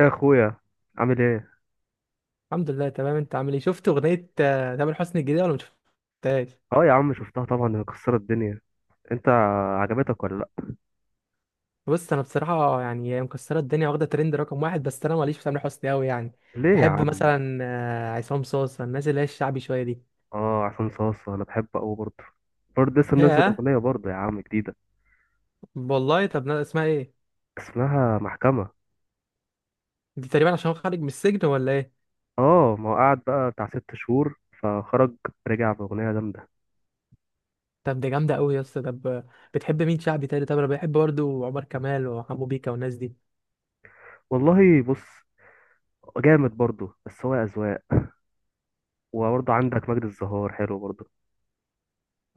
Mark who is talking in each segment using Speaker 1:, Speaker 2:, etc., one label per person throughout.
Speaker 1: ايه يا اخويا، عامل ايه؟
Speaker 2: الحمد لله تمام. انت عامل ايه؟ شفت اغنيه تامر حسني الجديده ولا ما شفتهاش؟
Speaker 1: اه يا عم، شفتها طبعا. هي مكسره الدنيا. انت، عجبتك ولا لا؟
Speaker 2: بص انا بصراحه يعني هي مكسره الدنيا واخده ترند رقم واحد، بس انا ماليش في تامر حسني قوي يعني.
Speaker 1: ليه يا
Speaker 2: بحب
Speaker 1: عم؟
Speaker 2: مثلا عصام صاصا، الناس اللي هي الشعبي شويه دي.
Speaker 1: اه، عصام صاصا انا بحبه قوي برضه. برضه لسه منزل
Speaker 2: ياه.
Speaker 1: اغنيه برضه يا عم جديده.
Speaker 2: والله، طب اسمها ايه؟
Speaker 1: اسمها محكمه.
Speaker 2: دي تقريبا عشان هو خارج من السجن ولا ايه؟
Speaker 1: اه، ما هو قعد بقى بتاع 6 شهور فخرج. رجع باغنيه جامده.
Speaker 2: طب دي جامده قوي يا اسطى. طب بتحب مين شعبي تاني؟ طب انا بحب برضه عمر كمال وحمو بيكا والناس دي.
Speaker 1: والله بص، جامد برضه، بس هو اذواق. وبرضه عندك مجد الزهار حلو برضه.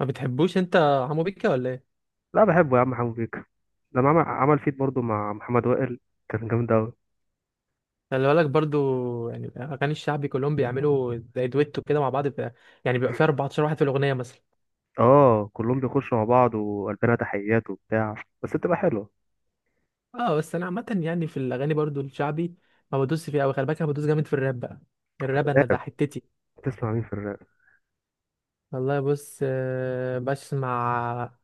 Speaker 2: ما بتحبوش انت حمو بيكا ولا ايه؟
Speaker 1: لا، بحبه يا عم حمو بيك. لما عمل فيت برضه مع محمد وائل كان جامد قوي.
Speaker 2: خلي بالك برضو يعني اغاني الشعبي كلهم بيعملوا زي دويتو كده مع بعض بقى، يعني بيبقى فيها 14 واحد في الاغنيه مثلا.
Speaker 1: اه، كلهم بيخشوا مع بعض وقلبنا تحيات وبتاع، بس بتبقى حلوة.
Speaker 2: اه بس انا عامه يعني في الاغاني برضو الشعبي ما بدوس فيها قوي، خلي بالك انا بدوس جامد في الراب بقى. الراب انا ده
Speaker 1: راب؟
Speaker 2: حتتي.
Speaker 1: بتسمع مين في الراب؟
Speaker 2: والله بص، بسمع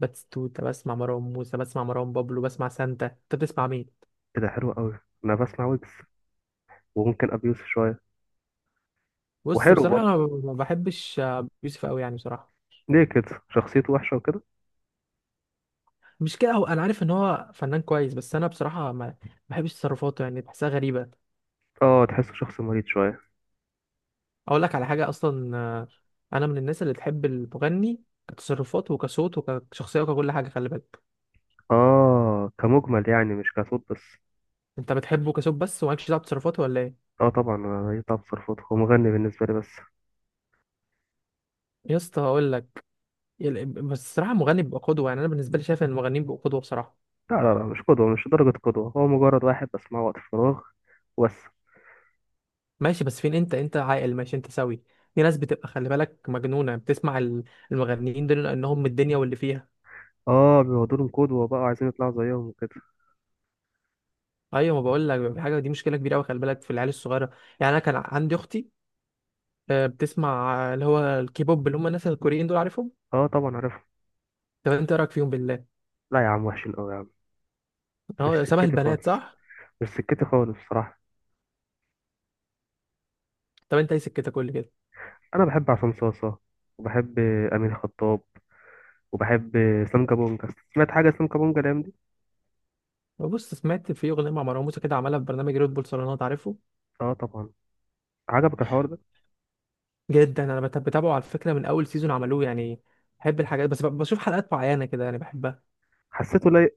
Speaker 2: باتستوتا، بسمع مروان موسى، بسمع مروان بابلو، بسمع سانتا. انت بتسمع مين؟
Speaker 1: ايه ده، حلو قوي. انا بسمع ويجز، وممكن ابي يوسف شوية.
Speaker 2: بص
Speaker 1: وحلو
Speaker 2: بصراحه
Speaker 1: برضه.
Speaker 2: انا ما بحبش يوسف قوي يعني بصراحه.
Speaker 1: ليه كده؟ شخصيته وحشة وكده.
Speaker 2: مش كده، هو انا عارف ان هو فنان كويس، بس انا بصراحه ما بحبش تصرفاته يعني بحسها غريبه.
Speaker 1: اه، تحسه شخص مريض شوية.
Speaker 2: اقول لك على حاجه اصلا، انا من الناس اللي تحب المغني كتصرفاته وكصوت وكشخصيه وككل حاجه، خلي بالك.
Speaker 1: اه، كمجمل يعني، مش كصوت بس.
Speaker 2: انت بتحبه كصوت بس ومالكش دعوه بتصرفاته ولا ايه؟
Speaker 1: اه طبعا، أنا يطلع بصرفته هو مغني بالنسبة لي بس.
Speaker 2: يا اسطى اقول لك، بس الصراحه المغني بيبقى قدوه، يعني انا بالنسبه لي شايف ان المغنيين بيبقوا قدوه بصراحه.
Speaker 1: لا، لا، لا، مش قدوة، مش درجة قدوة. هو مجرد واحد بسمعه وقت الفراغ وبس.
Speaker 2: ماشي، بس فين انت عاقل، ماشي انت سوي. في ناس بتبقى خلي بالك مجنونه، بتسمع المغنيين دول لانهم من الدنيا واللي فيها.
Speaker 1: اه، بيقعدوا لهم قدوة بقى وعايزين يطلعوا زيهم وكده.
Speaker 2: ايوه، ما بقول لك بيبقى في حاجه، دي مشكله كبيره قوي خلي بالك في العيال الصغيره. يعني انا كان عندي اختي بتسمع اللي هو الكيبوب، اللي هم الناس الكوريين دول، عارفهم؟
Speaker 1: اه طبعا، عارفهم.
Speaker 2: طب انت إيه رايك فيهم بالله؟
Speaker 1: لا يا عم، وحشين قوي يا عم. مش
Speaker 2: هو شبه
Speaker 1: سكتي
Speaker 2: البنات
Speaker 1: خالص،
Speaker 2: صح؟
Speaker 1: مش سكتي خالص بصراحة.
Speaker 2: طب انت ايه سكتك كل كده؟
Speaker 1: أنا بحب عصام صاصة، وبحب أمين خطاب، وبحب سام كابونجا. سمعت حاجة سام كابونجا الأيام دي؟
Speaker 2: بص سمعت في اغنيه مع مروان موسى كده، عملها في برنامج ريد بول صالونات، عارفه.
Speaker 1: آه طبعا. عجبك الحوار ده؟
Speaker 2: جدا، انا بتابعه على فكره من اول سيزون عملوه يعني. بحب الحاجات بس بشوف حلقات معينه كده يعني بحبها.
Speaker 1: حسيته لايق.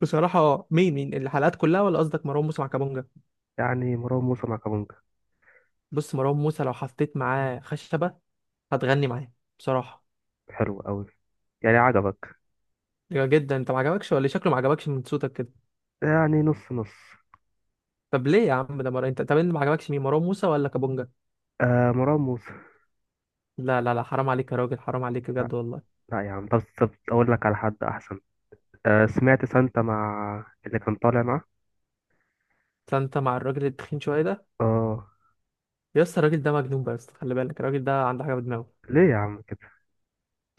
Speaker 2: بصراحه مين الحلقات كلها، ولا قصدك مروان موسى مع كابونجا؟
Speaker 1: يعني مروان موسى مع كابونجا.
Speaker 2: بص مروان موسى لو حطيت معاه خشبه هتغني معاه بصراحه.
Speaker 1: حلو أوي. يعني عجبك.
Speaker 2: جدا. انت ما عجبكش ولا إيه؟ شكله ما عجبكش من صوتك كده.
Speaker 1: يعني نص نص.
Speaker 2: طب ليه يا عم؟ ده انت طب انت ما عجبكش مين، مروان موسى ولا كابونجا؟
Speaker 1: آه، مروان موسى.
Speaker 2: لا، حرام عليك يا راجل، حرام عليك
Speaker 1: لا،
Speaker 2: بجد والله.
Speaker 1: لا يا عم. طب أقول لك على حد أحسن. آه، سمعت سانتا مع اللي كان طالع معاه؟
Speaker 2: فانت مع الراجل التخين شويه ده.
Speaker 1: آه.
Speaker 2: يا اسطى الراجل ده مجنون، بس خلي بالك الراجل ده عنده حاجه في دماغه.
Speaker 1: ليه يا عم كده؟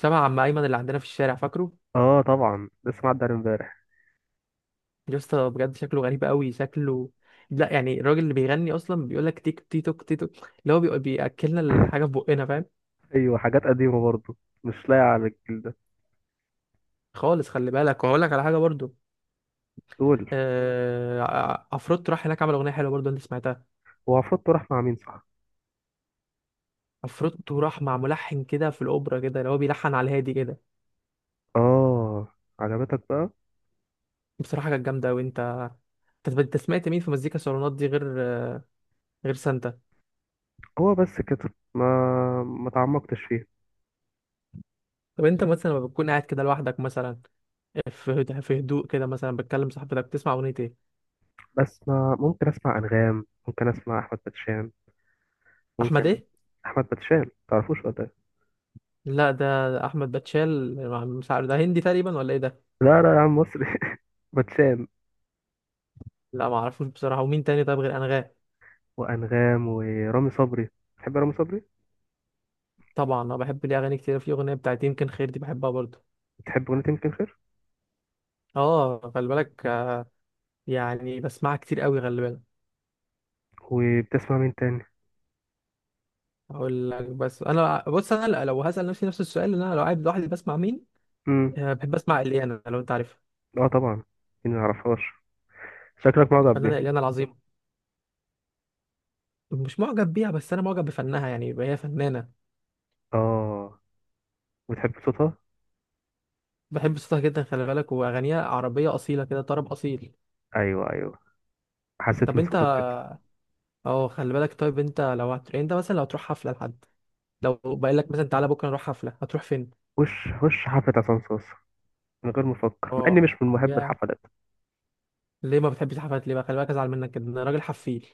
Speaker 2: شبه عم ايمن اللي عندنا في الشارع، فاكره؟
Speaker 1: آه طبعا، لسه معدي عليه امبارح.
Speaker 2: يا اسطى بجد شكله غريب قوي شكله. لا يعني الراجل اللي بيغني اصلا بيقول لك تيك تي توك تي توك، اللي هو بياكلنا الحاجه في بقنا، فاهم.
Speaker 1: أيوه، حاجات قديمة برضه، مش لايقة على الجيل ده.
Speaker 2: خالص خلي بالك. وهقول لك على حاجه برضو،
Speaker 1: قول.
Speaker 2: عفروتو راح هناك عمل اغنيه حلوه برضو، انت سمعتها؟
Speaker 1: هو عفروتو راح مع مين، صح؟
Speaker 2: عفروتو راح مع ملحن كده في الاوبرا كده، اللي هو بيلحن على الهادي كده.
Speaker 1: اه، عجبتك بقى.
Speaker 2: بصراحه كانت جامده. وانت انت أنت سمعت مين في مزيكا صالونات دي غير، غير سانتا؟
Speaker 1: هو بس كده، ما تعمقتش فيه.
Speaker 2: طب انت مثلا لما بتكون قاعد كده لوحدك مثلا، في هدوء كده، مثلا بتكلم صاحبتك، بتسمع اغنية ايه؟
Speaker 1: بس ما، ممكن اسمع انغام، ممكن اسمع احمد باتشان،
Speaker 2: احمد
Speaker 1: ممكن.
Speaker 2: ايه؟
Speaker 1: احمد باتشان، تعرفوش ولا إيه؟
Speaker 2: لا ده، احمد باتشال مش عارف، ده هندي تقريبا ولا ايه ده؟
Speaker 1: لا، لا يا عم، مصري. باتشان.
Speaker 2: لا ما اعرفوش بصراحة. ومين تاني طيب غير انغام؟
Speaker 1: وانغام ورامي صبري. بتحب رامي صبري؟
Speaker 2: طبعا انا بحب ليه اغاني كتير، في اغنية بتاعت يمكن خير، دي بحبها برضه.
Speaker 1: بتحب اغنية يمكن خير.
Speaker 2: اه خلي بالك، يعني بسمعها كتير قوي خلي بالك.
Speaker 1: وبتسمع مين تاني؟
Speaker 2: اقول لك، بس انا بص انا لو هسأل نفسي نفس السؤال، ان انا لو قاعد لوحدي بسمع مين،
Speaker 1: امم.
Speaker 2: بحب اسمع اليانا، لو انت عارفها.
Speaker 1: اه طبعا. مين ما يعرفهاش؟ شكلك معجب
Speaker 2: الفنانة
Speaker 1: بيها.
Speaker 2: اليانا العظيمة. مش معجب بيها، بس انا معجب بفنها يعني، هي فنانة.
Speaker 1: اه، وتحب صوتها.
Speaker 2: بحب صوتها جدا خلي بالك، واغانيها عربيه اصيله كده، طرب اصيل.
Speaker 1: ايوه، ايوه، حسيت
Speaker 2: طب
Speaker 1: من
Speaker 2: انت،
Speaker 1: صوتك كده.
Speaker 2: اه خلي بالك. طيب انت لو يعني انت مثلا لو هتروح حفله لحد، لو بقول لك مثلا تعالى بكره نروح حفله، هتروح فين؟
Speaker 1: وش حفلة عصام صوص، من غير ما افكر، مع اني
Speaker 2: اه،
Speaker 1: مش من محب
Speaker 2: يا،
Speaker 1: الحفلات.
Speaker 2: ليه ما بتحبش الحفلات؟ ليه بقى؟ خلي بالك ازعل منك كده، انا راجل حفيل.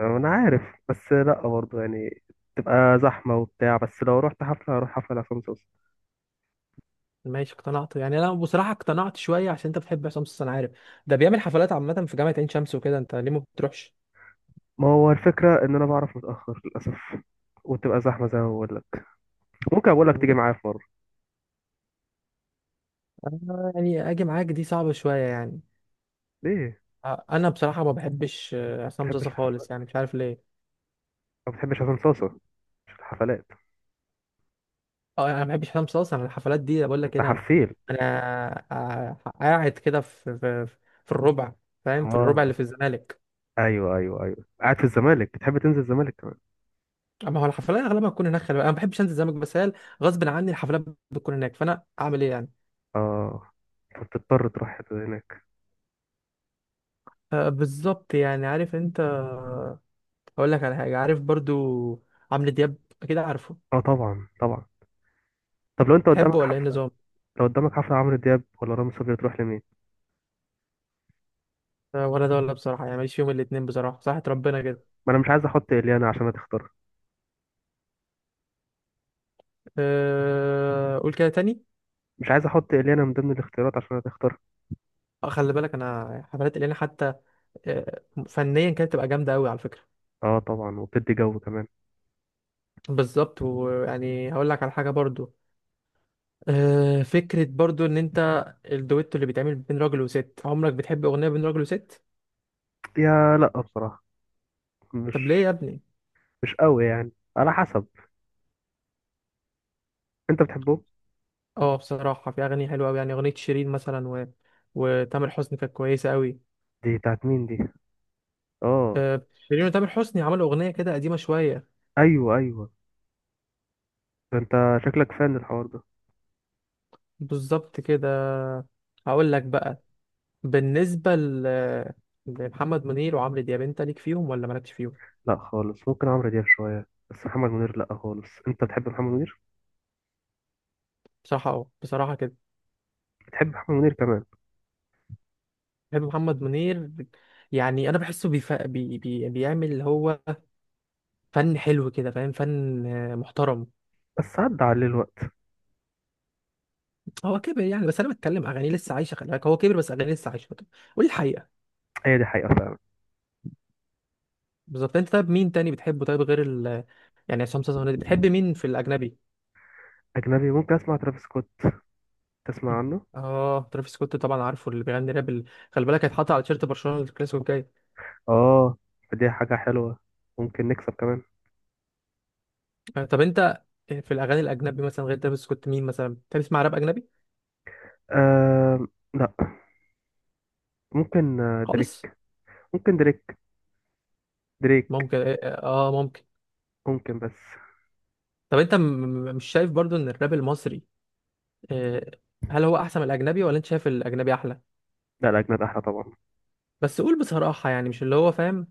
Speaker 1: انا عارف. بس لا برضه يعني، تبقى زحمه وبتاع، بس لو رحت حفله هروح حفله لعصام صوصه.
Speaker 2: ماشي، اقتنعت يعني انا بصراحه اقتنعت شويه، عشان انت بتحب عصام صاصا انا عارف. ده بيعمل حفلات عامه في جامعه عين شمس وكده، انت ليه ما بتروحش؟
Speaker 1: ما هو الفكره ان انا بعرف متاخر للاسف. وتبقى زحمه زي ما بقول لك. ممكن اقول لك
Speaker 2: مم.
Speaker 1: تيجي معايا في مره.
Speaker 2: أنا يعني اجي معاك دي صعبه شويه يعني.
Speaker 1: ليه
Speaker 2: انا بصراحه ما بحبش
Speaker 1: ما
Speaker 2: عصام
Speaker 1: بتحبش
Speaker 2: صاصا
Speaker 1: الحفلات؟
Speaker 2: خالص يعني، مش عارف ليه.
Speaker 1: ما بتحبش عصام صوصه، مش الحفلات.
Speaker 2: اه انا ما بحبش حسام صاصا. انا الحفلات دي بقول لك
Speaker 1: انت
Speaker 2: إيه، انا،
Speaker 1: حفيل.
Speaker 2: انا قاعد كده في في الربع، فاهم، في الربع اللي
Speaker 1: اه،
Speaker 2: في الزمالك.
Speaker 1: ايوه، ايوه، ايوه، قاعد في الزمالك. بتحب تنزل الزمالك كمان.
Speaker 2: اما هو الحفلات اغلبها بتكون هناك خلي بالك. انا ما بحبش انزل الزمالك، بس هي غصب عني الحفلات بتكون هناك، فانا اعمل ايه يعني.
Speaker 1: اه، فبتضطر تروح هناك.
Speaker 2: آه بالظبط يعني. عارف انت، اقول لك على حاجه، عارف برضو عمرو دياب، اكيد عارفه.
Speaker 1: اه طبعا، طبعا. طب
Speaker 2: تحبه ولا ايه النظام؟
Speaker 1: لو قدامك حفله عمرو دياب ولا رامي صبري تروح لمين؟
Speaker 2: آه ولا ده ولا، بصراحه يعني ماليش فيهم الاتنين بصراحه، صحة ربنا كده.
Speaker 1: ما انا مش عايز احط اليانا عشان هتختارها.
Speaker 2: آه قول كده تاني.
Speaker 1: مش عايز احط اليانا من ضمن الاختيارات عشان هتختارها.
Speaker 2: خلي بالك انا حفلات الينا حتى فنيا كانت تبقى جامده قوي على فكره.
Speaker 1: اه طبعا، وبتدي جو كمان.
Speaker 2: بالظبط. ويعني هقول لك على حاجه برضو، فكره برضو ان انت، الدويتو اللي بيتعمل بين راجل وست، عمرك بتحب اغنيه بين راجل وست؟
Speaker 1: يا لا بصراحه،
Speaker 2: طب ليه
Speaker 1: مش
Speaker 2: يا ابني؟
Speaker 1: مش قوي يعني، على حسب. انت بتحبهم؟
Speaker 2: اه بصراحه في اغاني حلوه قوي يعني، اغنيه شيرين مثلا و... وتامر حسني كانت كويسه قوي.
Speaker 1: دي بتاعت مين دي؟ اه،
Speaker 2: شيرين وتامر حسني عملوا اغنيه كده قديمه شويه.
Speaker 1: ايوه، ايوه. ده انت شكلك فان الحوار ده.
Speaker 2: بالظبط كده. هقول لك بقى، بالنسبه لمحمد منير وعمرو دياب، انت ليك فيهم ولا مالكش فيهم؟
Speaker 1: لا خالص، ممكن عمرو دياب شويه، بس محمد منير لا خالص. انت بتحب محمد منير؟
Speaker 2: بصراحه اه، بصراحه كده
Speaker 1: بتحب محمد منير كمان.
Speaker 2: بحب محمد منير. يعني انا بحسه بيعمل اللي هو فن حلو كده، فاهم، فن محترم.
Speaker 1: بس عدى عليه الوقت.
Speaker 2: هو كبر يعني، بس انا بتكلم اغانيه لسه عايشه خلي بالك. هو كبر بس اغانيه لسه عايشه، قول الحقيقه.
Speaker 1: هي دي حقيقه فعلا.
Speaker 2: بالظبط. انت طيب مين تاني بتحبه طيب غير يعني عصام صاصا والناس دي؟ بتحب مين في الاجنبي؟
Speaker 1: اجنبي ممكن اسمع ترافيس سكوت. تسمع عنه؟
Speaker 2: اه ترافيس سكوت طبعا عارفه، اللي بيغني راب خلي بالك هيتحط على تيشيرت برشلونه الكلاسيكو الجاي.
Speaker 1: اه، فدي حاجه حلوه، ممكن نكسب كمان.
Speaker 2: طب انت في الاغاني الاجنبي مثلا غير ترافيس سكوت، مين مثلا بتحب تسمع راب اجنبي؟
Speaker 1: آه، لا، ممكن دريك.
Speaker 2: خالص.
Speaker 1: ممكن دريك، دريك
Speaker 2: ممكن اه، ممكن.
Speaker 1: ممكن بس.
Speaker 2: طب انت مش شايف برضو ان الراب المصري آه، هل هو احسن من الاجنبي، ولا انت شايف الاجنبي احلى؟
Speaker 1: لا، الأجناد أحلى طبعا.
Speaker 2: بس قول بصراحة يعني مش اللي هو، فاهم.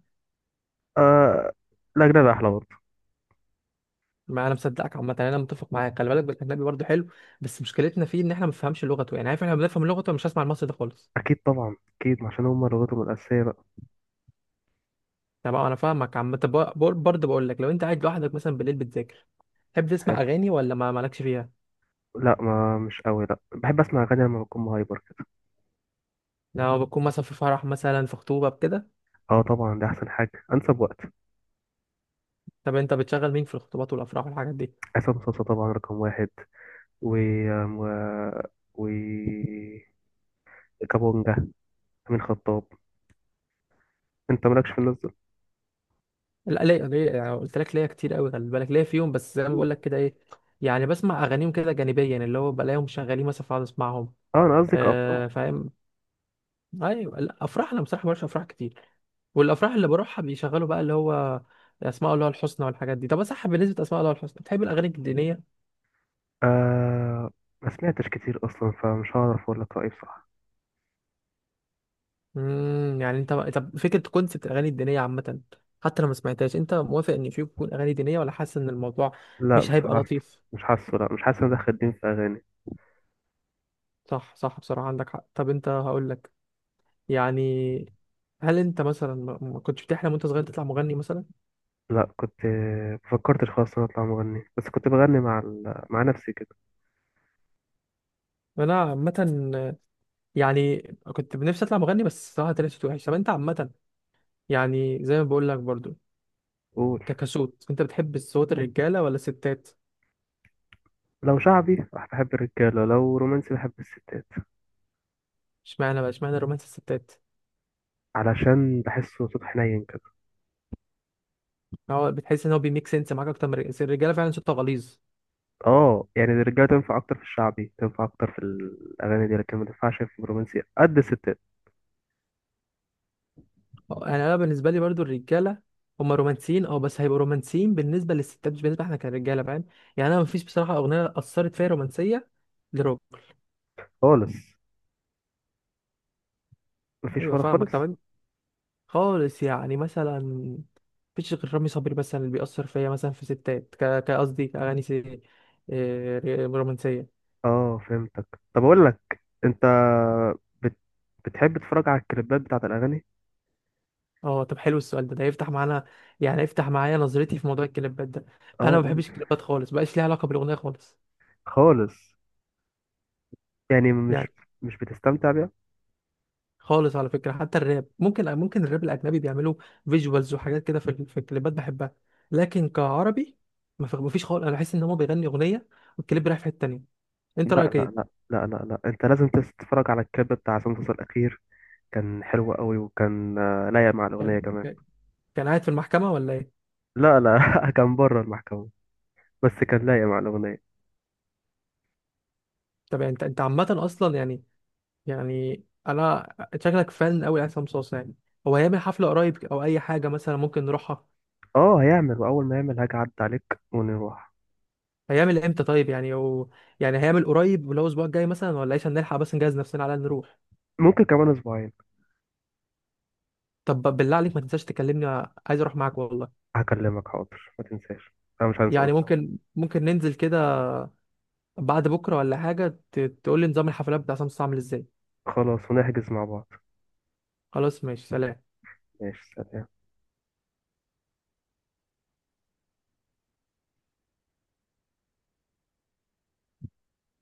Speaker 1: آه، الأجناد أحلى برضه.
Speaker 2: ما انا مصدقك عامة يعني، انا متفق معاك خلي بالك، بالاجنبي برضو حلو، بس مشكلتنا فيه ان احنا ما بنفهمش لغته يعني، عارف، احنا بنفهم لغته، مش هسمع المصري ده خالص.
Speaker 1: أكيد طبعا، أكيد عشان هما لغتهم الأساسية بقى.
Speaker 2: طب انا فاهمك عم. طب برضه بقول لك لو انت قاعد لوحدك مثلا بالليل بتذاكر، تحب تسمع
Speaker 1: حلو.
Speaker 2: اغاني ولا ما مالكش فيها؟
Speaker 1: لا، ما مش قوي. لا، بحب أسمع أغاني لما بكون مهايبر كده.
Speaker 2: لو بتكون مثلا في فرح، مثلا في خطوبة بكده.
Speaker 1: أه طبعا، ده أحسن حاجة، أنسب وقت.
Speaker 2: طب انت بتشغل مين في الخطوبات والافراح والحاجات دي؟
Speaker 1: عصام صاصا طبعا رقم واحد، و آم، و, و كابونجا أمين خطاب. أنت مالكش في الناس دول؟
Speaker 2: لا ليا يعني قلت لك ليا كتير قوي خلي بالك، ليا فيهم، بس زي ما بقول لك كده ايه، يعني بسمع اغانيهم كده جانبيا، اللي هو بلاقيهم شغالين مثلا فاقعد اسمعهم.
Speaker 1: أه، أنا قصدي كأبطال.
Speaker 2: آه فاهم. ايوه، لا، افراح انا بصراحه مبروحش افراح كتير، والافراح اللي بروحها بيشغلوا بقى اللي هو اسماء الله الحسنى والحاجات دي. طب صح، بالنسبه لاسماء الله الحسنى بتحب الاغاني الدينيه؟
Speaker 1: آه، ما سمعتش كتير أصلا، فمش هعرف أقول لك رأيي بصراحة.
Speaker 2: يعني انت طب فكره كونسبت الاغاني الدينيه عامه، حتى لو ما سمعتهاش، انت موافق ان في يكون اغاني دينيه، ولا حاسس ان الموضوع
Speaker 1: لا
Speaker 2: مش هيبقى
Speaker 1: بصراحة،
Speaker 2: لطيف؟
Speaker 1: مش حاسه لا مش حاسس إن أنا دخل دين في أغاني.
Speaker 2: صح صح، بصراحه عندك حق. طب انت هقول لك يعني، هل انت مثلا ما كنتش بتحلم وانت صغير تطلع مغني مثلا؟
Speaker 1: لا، كنت مفكرتش خالص إن أنا أطلع مغني. بس كنت بغني مع نفسي كده.
Speaker 2: انا عامه يعني كنت نفسي اطلع مغني، بس صراحه طلعت صوتي وحش. طب انت عامه يعني زي ما بقول لك برضو،
Speaker 1: قول.
Speaker 2: كصوت انت بتحب صوت الرجاله ولا الستات؟
Speaker 1: لو شعبي بحب الرجالة، لو رومانسي بحب الستات.
Speaker 2: اشمعنى بقى اشمعنى رومانس الستات؟
Speaker 1: علشان بحسه صوت حنين كده.
Speaker 2: هو بتحس ان هو بيميك سنس معاك اكتر من الرجاله، فعلا صوتها غليظ.
Speaker 1: اه يعني، الرجالة تنفع أكتر في الشعبي، تنفع أكتر في الأغاني دي، لكن ما تنفعش في الرومانسي قد الستات.
Speaker 2: اه، يعني انا بالنسبه لي برضو الرجاله هم رومانسيين، اه بس هيبقوا رومانسيين بالنسبه للستات، مش بالنسبه احنا كرجاله فاهم. يعني انا مفيش بصراحه اغنيه اثرت فيا رومانسيه، لروب.
Speaker 1: خالص. مفيش
Speaker 2: ايوه
Speaker 1: ولا
Speaker 2: فاهمك.
Speaker 1: خالص.
Speaker 2: طب خالص يعني مثلا مفيش غير رامي صبري مثلا اللي بيأثر فيا مثلا في ستات، كقصدي كأغاني آه، رومانسية.
Speaker 1: اه فهمتك. طب أقول لك. أنت بت... بتحب تتفرج على الكليبات بتاعت الأغاني؟
Speaker 2: اه طب حلو السؤال ده، ده يفتح معانا يعني يفتح معايا نظرتي في موضوع الكليبات ده. انا
Speaker 1: اه
Speaker 2: ما
Speaker 1: قول
Speaker 2: بحبش
Speaker 1: لي.
Speaker 2: الكليبات خالص، بقاش ليها علاقة بالأغنية خالص
Speaker 1: خالص. يعني مش
Speaker 2: يعني.
Speaker 1: مش بتستمتع بيها؟
Speaker 2: خالص، على فكرة حتى الراب، ممكن ممكن الراب الأجنبي بيعملوا فيجوالز وحاجات كده في الكليبات بحبها، لكن كعربي ما في- مفيش خالص، انا بحس ان هو بيغني أغنية والكليب رايح في حتة تانية.
Speaker 1: لا،
Speaker 2: انت رأيك
Speaker 1: لا، لا،
Speaker 2: ايه؟
Speaker 1: لا، لا، لا، انت لازم تتفرج على الكليب بتاع سانتوس الاخير. كان حلو قوي، وكان لايق مع الاغنيه
Speaker 2: كان،
Speaker 1: كمان.
Speaker 2: كان قاعد في المحكمة ولا ايه؟
Speaker 1: لا، لا كان بره المحكمه. بس كان لايق مع الاغنيه.
Speaker 2: طب يعني انت، انت عامة اصلا يعني يعني انا شكلك فن قوي لعصام صوصة يعني. هو هيعمل حفلة قريب او اي حاجة مثلا ممكن نروحها؟
Speaker 1: اه، هيعمل. واول ما يعمل هاجي اعدي عليك ونروح.
Speaker 2: هيعمل امتى طيب يعني هو يعني هيعمل قريب اللي هو الاسبوع الجاي مثلا ولا ايش، هنلحق بس نجهز نفسنا على الأقل نروح.
Speaker 1: ممكن كمان اسبوعين.
Speaker 2: طب بالله عليك ما تنساش تكلمني، عايز اروح معاك والله.
Speaker 1: هكلمك حاضر، ما تنساش. انا مش هنسى
Speaker 2: يعني
Speaker 1: قصدي.
Speaker 2: ممكن ننزل كده بعد بكرة ولا حاجة، تقول لي نظام الحفلات بتاع عصام صوصة عامل ازاي.
Speaker 1: خلاص، ونحجز مع بعض.
Speaker 2: خلاص ماشي سلام.
Speaker 1: ماشي، سلام.